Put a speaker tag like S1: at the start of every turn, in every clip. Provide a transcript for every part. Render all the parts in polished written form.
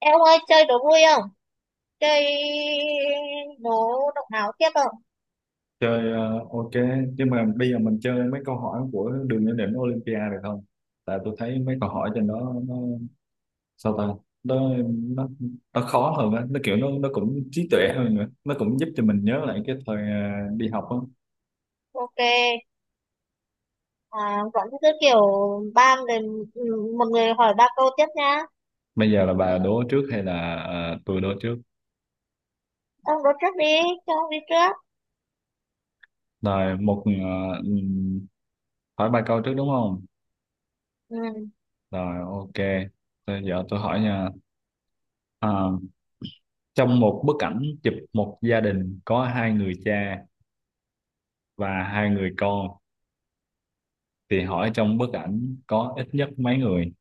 S1: Em ơi, chơi đố vui không? Chơi đố động não tiếp không?
S2: Chơi, ok. Nhưng mà bây giờ mình chơi mấy câu hỏi của Đường Lên Đỉnh Olympia được không? Tại tôi thấy mấy câu hỏi trên đó nó sao ta, nó, nó, nó khó hơn á, nó kiểu nó cũng trí tuệ hơn, nữa nó cũng giúp cho mình nhớ lại cái thời đi học á.
S1: Ok. À, vẫn cứ kiểu ba người, một người hỏi ba câu tiếp nha.
S2: Bây giờ là bà đố trước hay là tôi đố trước?
S1: Ông đố trước đi, cho ông đi trước.
S2: Rồi, một ừm, hỏi ba câu trước đúng không?
S1: Ừ.
S2: Rồi, ok. Bây giờ tôi hỏi nha. À, trong một bức ảnh chụp một gia đình có hai người cha và hai người con, thì hỏi trong bức ảnh có ít nhất mấy người?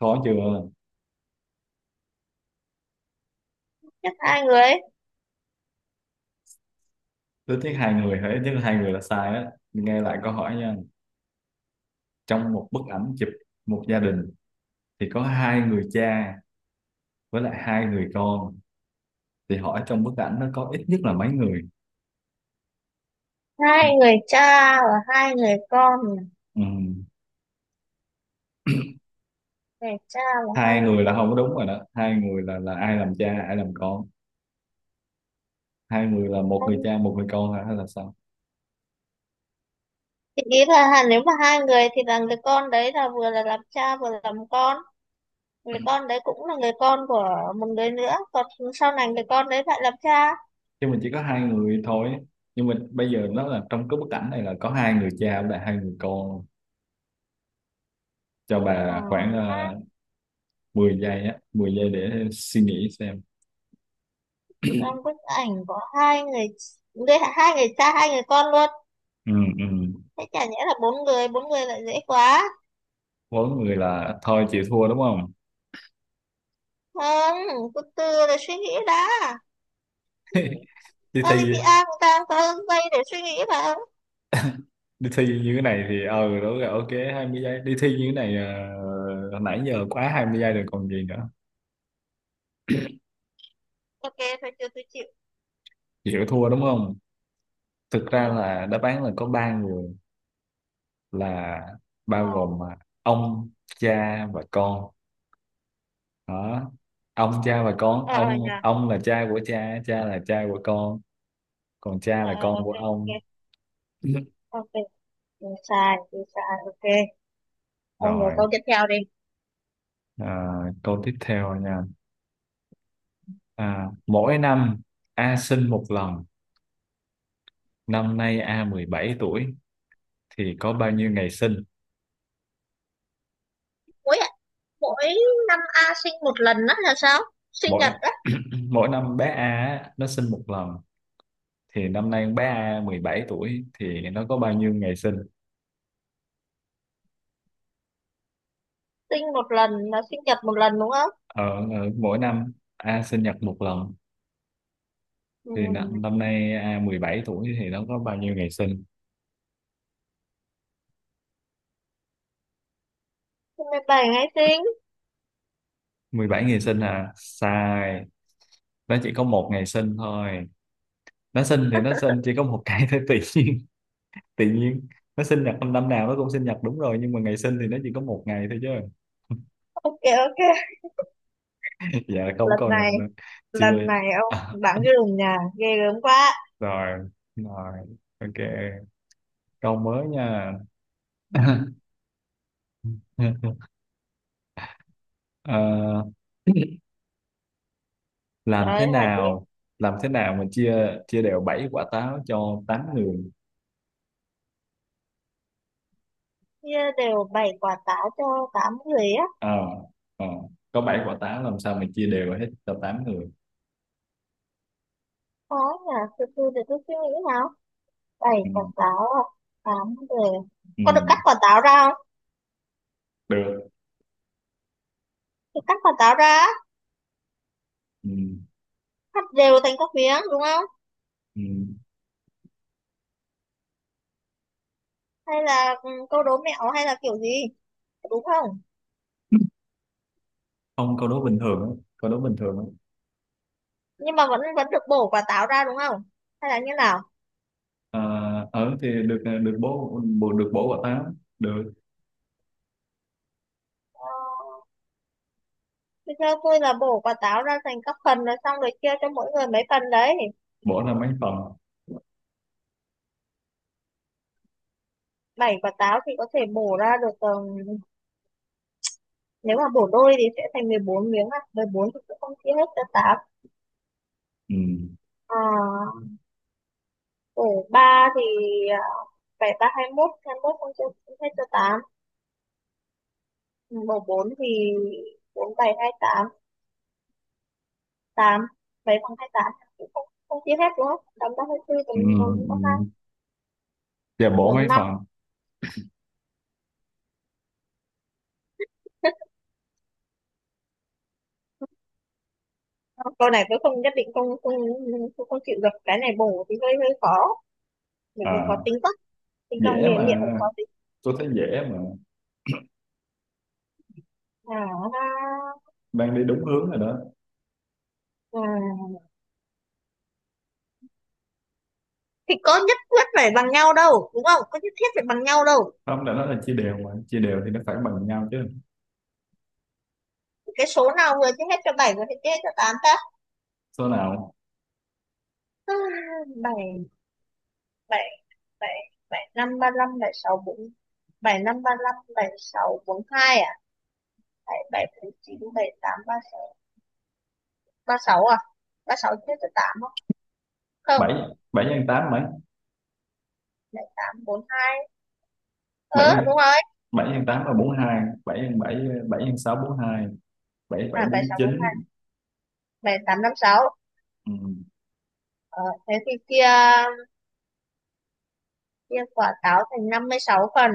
S2: Khó chưa?
S1: Tiếp hai người.
S2: Ít nhất hai người? Hay ít nhất hai người là sai á, nghe lại câu hỏi nha. Trong một bức ảnh chụp một gia đình thì có hai người cha với lại hai người con, thì hỏi trong bức ảnh nó có ít nhất là mấy người? Ha,
S1: Hai người cha và hai người con.
S2: ừ.
S1: Người cha và hai
S2: Hai người
S1: người
S2: là không có đúng rồi đó. Hai người là ai làm cha, ai làm con? Hai người là một người
S1: con.
S2: cha một người con hả? Hay là sao?
S1: Thì ý là nếu mà hai người thì là người con đấy là vừa là làm cha vừa là làm con. Người con đấy cũng là người con của một người nữa. Còn sau này người con đấy lại làm cha.
S2: Chứ mình chỉ có hai người thôi, nhưng mà bây giờ nó là trong cái bức ảnh này là có hai người cha với lại hai người con. Cho
S1: Ừ.
S2: bà khoảng 10 giây á, 10 giây để suy nghĩ xem.
S1: Trong bức ảnh có hai người, đây hai người cha hai người con luôn.
S2: Ừ, ừ.
S1: Thế chả nhẽ là bốn người? Bốn người lại dễ quá.
S2: Vốn người là thôi chịu thua đúng không?
S1: Không, từ từ để suy nghĩ đã.
S2: Đi thi,
S1: Olympia cũng đang có giây để suy nghĩ mà.
S2: đi thi như thế này thì ờ đúng rồi, ok. Hai mươi giây, đi thi như thế này, nãy giờ quá 20 giây rồi còn gì nữa.
S1: Ok, thôi chưa, tôi chịu.
S2: Chịu thua đúng không? Thực
S1: Ừ.
S2: ra là đáp án là có ba người, là bao
S1: ờ
S2: gồm mà, ông, cha và con đó. Ông, cha và con.
S1: ờ ờ
S2: ông
S1: nhà.
S2: ông là cha của cha, cha là cha của con, còn cha
S1: Ờ
S2: là
S1: ờ,
S2: con
S1: ok
S2: của
S1: ok.
S2: ông.
S1: Ok, tôi sai tôi sai. Ok, ông nói
S2: Rồi.
S1: câu tiếp theo đi.
S2: À, câu tiếp theo nha. À, mỗi năm A sinh một lần, năm nay A 17 tuổi, thì có bao nhiêu ngày sinh?
S1: Mỗi mỗi năm A sinh một lần đó là sao? Sinh
S2: Mỗi
S1: nhật á?
S2: mỗi năm bé A á, nó sinh một lần, thì năm nay bé A 17 tuổi thì nó có bao nhiêu ngày sinh?
S1: Sinh một lần là sinh nhật một lần đúng không?
S2: Ờ, ờ, mỗi năm A sinh nhật một lần,
S1: Ừ.
S2: thì năm nay A 17 tuổi thì nó có bao nhiêu ngày sinh?
S1: 17 ngày sinh.
S2: Mười bảy ngày sinh à? Sai. Nó chỉ có một ngày sinh thôi. Nó sinh thì nó sinh chỉ có một cái thôi. Tự nhiên, tự nhiên nó sinh nhật, năm năm nào nó cũng sinh nhật đúng rồi, nhưng mà ngày sinh thì nó chỉ có một ngày thôi chứ.
S1: Ok ok.
S2: Dạ, không,
S1: Lần
S2: còn
S1: này,
S2: là- chưa.
S1: lần này ông bạn cái lùng nhà ghê gớm quá.
S2: Rồi, rồi, ok, câu mới nha.
S1: Ừ.
S2: Ờ, làm
S1: Trời
S2: thế
S1: ơi, hả chị?
S2: nào, làm thế nào mà chia chia đều bảy quả táo cho tám người?
S1: Đều bày quả táo cho tám người á?
S2: Ờ, ờ, có bảy quả táo làm sao mà chia đều hết cho tám người?
S1: Khó nhờ, từ từ để tôi suy nghĩ nào. Bày
S2: Ừ,
S1: quả táo à, tám người.
S2: ừ,
S1: Có được cắt quả táo ra không?
S2: được,
S1: Được cắt quả táo ra á,
S2: ừ,
S1: cắt đều thành các miếng đúng không?
S2: ừ.
S1: Hay là câu đố mẹo hay là kiểu gì, đúng không?
S2: Không, câu đố bình thường á, câu đố bình thường á.
S1: Nhưng mà vẫn vẫn được bổ quả táo ra đúng không? Hay là như nào?
S2: Ờ, ở thì được được bố bố- được bố của tám được.
S1: Ờ, thì theo tôi là bổ quả táo ra thành các phần rồi xong rồi chia cho mỗi người mấy phần đấy.
S2: Bố là mấy phần?
S1: Bảy quả táo thì có thể bổ ra được, nếu mà bổ đôi thì sẽ thành 14 miếng à. Mười bốn thì cũng không chia hết cho 8.
S2: Ừ.
S1: À, bổ 3 thì ờ, bảy ba hai mốt, hai mốt không chia hết cho tám. Bổ 4 thì 4 7 8 8 7 bằng hai tám, cũng không không chia hết đúng không? Tám ba hai 24
S2: Ừ.
S1: tầm 4 có 2
S2: Ừ. Dạ, bố
S1: 4
S2: mấy
S1: 5.
S2: phần?
S1: Câu này tôi không nhất định không không không, không chịu được, cái này bổ thì hơi hơi khó. Bởi vì có
S2: À,
S1: tính cách tính bằng
S2: dễ
S1: miệng,
S2: mà,
S1: cũng có tính.
S2: tôi thấy dễ mà.
S1: À,
S2: Đang đi đúng hướng rồi đó.
S1: à, thì có nhất quyết phải bằng nhau đâu đúng không, có nhất thiết phải bằng nhau đâu.
S2: Không, đã nói là chia đều mà, chia đều thì nó phải bằng nhau chứ.
S1: Cái số nào vừa chia hết cho bảy vừa chia hết cho tám ta?
S2: Số nào?
S1: À, bảy bảy bảy bảy năm ba năm bảy sáu bốn, bảy năm ba năm bảy sáu bốn hai à, bảy bảy bốn chín bảy tám ba sáu, ba sáu à? Ba sáu chia cho tám không? Không.
S2: Bảy, bảy nhân tám mấy?
S1: Bảy tám bốn hai, ờ
S2: Bảy
S1: đúng rồi.
S2: bảy nhân tám là bốn mươi hai, bảy nhân bảy, bảy nhân sáu bốn mươi hai, bảy bảy
S1: À bảy
S2: bốn
S1: sáu bốn
S2: chín.
S1: hai, bảy tám năm sáu.
S2: Ừ.
S1: Ờ thế thì kia, chia quả táo thành 56 phần.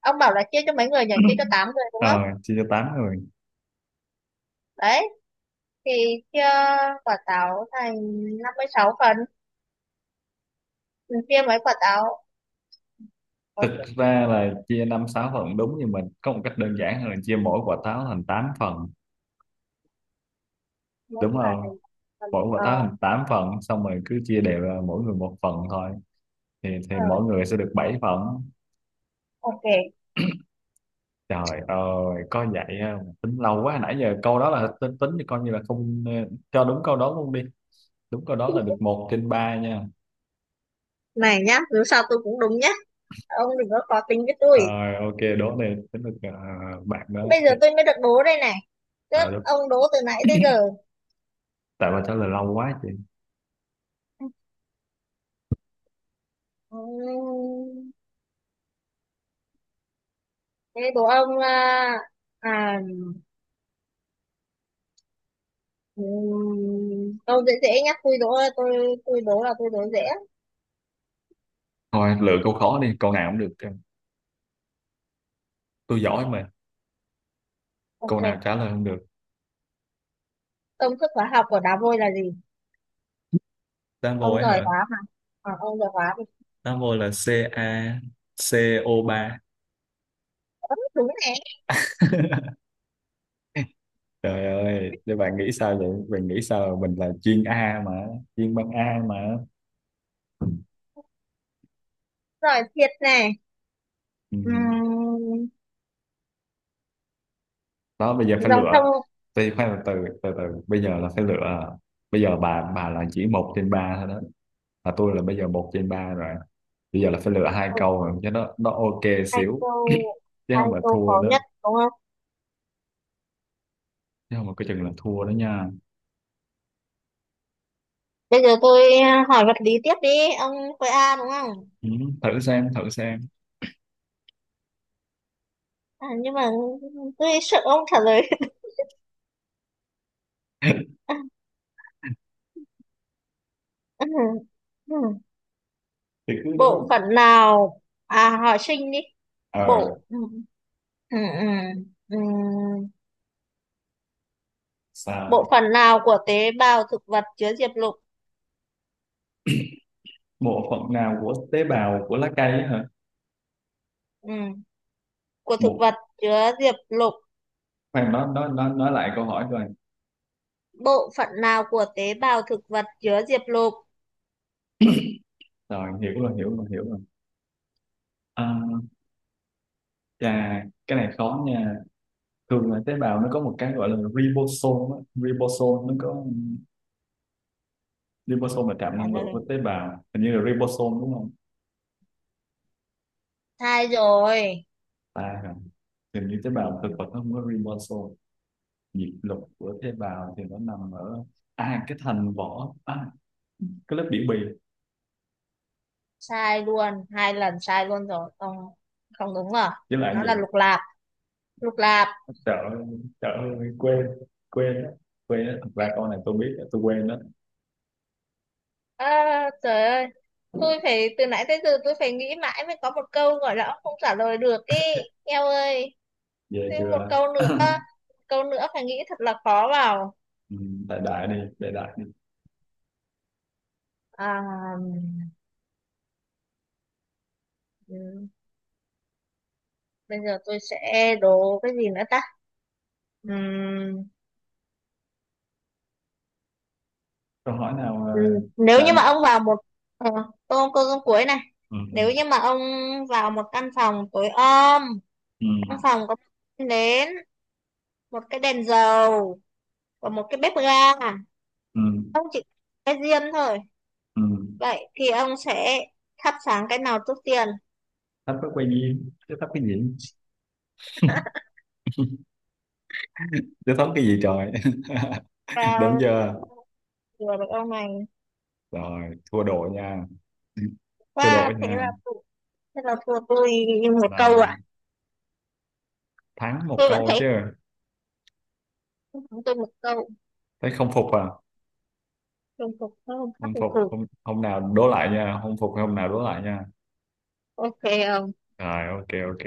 S1: Ông bảo là chia cho mấy người nhỉ, chia cho 8 người đúng
S2: Ờ,
S1: không?
S2: chia cho tám rồi.
S1: Đấy, thì chia quả táo thành 56 phần. Mình chia mấy quả táo, có
S2: Thực
S1: chia
S2: ra là chia năm sáu phần đúng, nhưng mình có một cách đơn giản hơn là chia mỗi quả táo thành 8 phần,
S1: mấy
S2: đúng
S1: quả
S2: không?
S1: thành phần.
S2: Mỗi quả
S1: Ờ
S2: táo thành 8 phần xong rồi cứ chia đều ra mỗi người một phần thôi, thì
S1: ờ,
S2: mỗi người sẽ được 7 phần.
S1: ok.
S2: Trời ơi có vậy không? Tính lâu quá, nãy giờ câu đó là tính, tính thì coi như là không cho đúng câu đó luôn đi. Đúng câu đó là được một trên ba nha.
S1: Này nhá, dù sao tôi cũng đúng nhá, ông đừng có khó tính với tôi.
S2: Rồi, ok đố này tính được. Ờ, bạn đó,
S1: Bây giờ
S2: thế-
S1: tôi mới được đố đây này, chứ
S2: à, đúng.
S1: ông đố từ nãy tới giờ.
S2: Tại bà trả lời lâu quá chị.
S1: Ừm, thế đố ông à câu dễ dễ nhá, tôi đố. Tôi đố là tôi đố dễ.
S2: Thôi lựa câu khó đi, câu nào cũng được, tôi giỏi mà. Câu
S1: Ok,
S2: nào trả lời không được.
S1: công thức hóa học của đá vôi là gì?
S2: Double
S1: Ông
S2: ấy
S1: giỏi
S2: hả?
S1: hóa mà. À, ông giỏi hóa thì.
S2: Double là Ca co ba.
S1: Ớ, đúng này.
S2: Trời ơi, để bạn nghĩ sao vậy? Bạn nghĩ sao? Mình là chuyên A mà, chuyên băng A mà.
S1: Giỏi thiệt này.
S2: Ừ.
S1: Ừm,
S2: Đó, bây giờ phải
S1: dòng sông.
S2: lựa. Thì khoan, từ từ, từ bây giờ là phải lựa. Bây giờ bà là chỉ một trên ba thôi đó. Mà tôi là bây giờ một trên ba rồi. Bây giờ là phải lựa hai
S1: Ừ,
S2: câu rồi, cho nó ok
S1: hai
S2: xíu.
S1: câu,
S2: Chứ
S1: hai
S2: không là
S1: câu
S2: thua
S1: khó
S2: đó.
S1: nhất đúng không?
S2: Chứ không là coi chừng là thua đó nha.
S1: Bây giờ tôi hỏi vật lý tiếp đi. Ông khối A đúng không?
S2: Ừ. Thử xem, thử xem.
S1: À, nhưng mà tôi sợ ông trả lời.
S2: Thì cứ đúng
S1: Bộ
S2: không?
S1: phận nào, à hỏi sinh đi.
S2: Ờ,
S1: Bộ ừ, ừ, ừ. Bộ
S2: sao?
S1: phận nào của tế bào thực vật chứa diệp lục?
S2: Bộ phận nào của tế bào của lá cây á hả?
S1: Ừ. Của thực
S2: Một,
S1: vật, chứa diệp lục.
S2: khoan, nó nói lại câu hỏi rồi.
S1: Bộ phận nào của tế bào thực vật chứa diệp lục?
S2: Rồi hiểu rồi hiểu rồi. À, chà cái này khó nha. Thường là tế bào nó có một cái gọi là ribosome á. Ribosome nó có, ribosome là trạm năng lượng của tế bào, hình như là ribosome đúng không?
S1: Sai rồi.
S2: Ta hả? Hình như tế
S1: Ừ.
S2: bào thực vật nó không có ribosome. Nhịp lục của tế bào thì nó nằm ở à cái thành vỏ, à cái lớp biểu bì
S1: Sai luôn, hai lần sai luôn rồi. Không không, đúng rồi,
S2: với lại
S1: nó là
S2: vậy.
S1: lục lạp. Lục lạp.
S2: Sợ, sợ, quên, quên á, quên á, thật ra câu này tôi biết tôi quên đó.
S1: À, trời ơi, tôi phải từ nãy tới giờ tôi phải nghĩ mãi mới có một câu gọi là không trả lời được ý. Eo ơi,
S2: Về
S1: thêm một
S2: chưa?
S1: câu nữa. Một câu nữa phải nghĩ thật là khó vào.
S2: Ừ, đại đại đi, đại đại đi.
S1: À, ừ, bây giờ tôi sẽ đố cái gì nữa ta. Ừm,
S2: Câu hỏi nào
S1: Ừ, nếu
S2: đại
S1: như mà
S2: đại-
S1: ông vào một ờ, câu câu câu cuối này.
S2: ừ,
S1: Nếu như mà ông vào một căn phòng tối om,
S2: ừ,
S1: trong phòng có một cái nến, một cái đèn dầu và một cái bếp ga,
S2: ừ,
S1: ông chỉ cái diêm thôi,
S2: ừ.
S1: vậy thì ông sẽ thắp sáng cái nào trước tiên?
S2: Thấp có quay duyên chứ thấp cái gì, chứ thấp cái gì trời. Đúng
S1: Và
S2: chưa?
S1: vừa được ông này.
S2: Rồi thua đội nha, thua
S1: Và
S2: đội
S1: thế
S2: nha.
S1: là thế là thua tôi một câu à?
S2: Là thắng một
S1: Tôi vẫn
S2: câu chứ.
S1: thấy thắng tôi một câu.
S2: Thấy không phục à?
S1: Chung phục tôi không khác
S2: Không
S1: thì
S2: phục
S1: thủ.
S2: hôm hôm nào đố lại nha, không phục thì hôm nào đố lại nha.
S1: Ok. Ờ.
S2: Rồi ok, ok.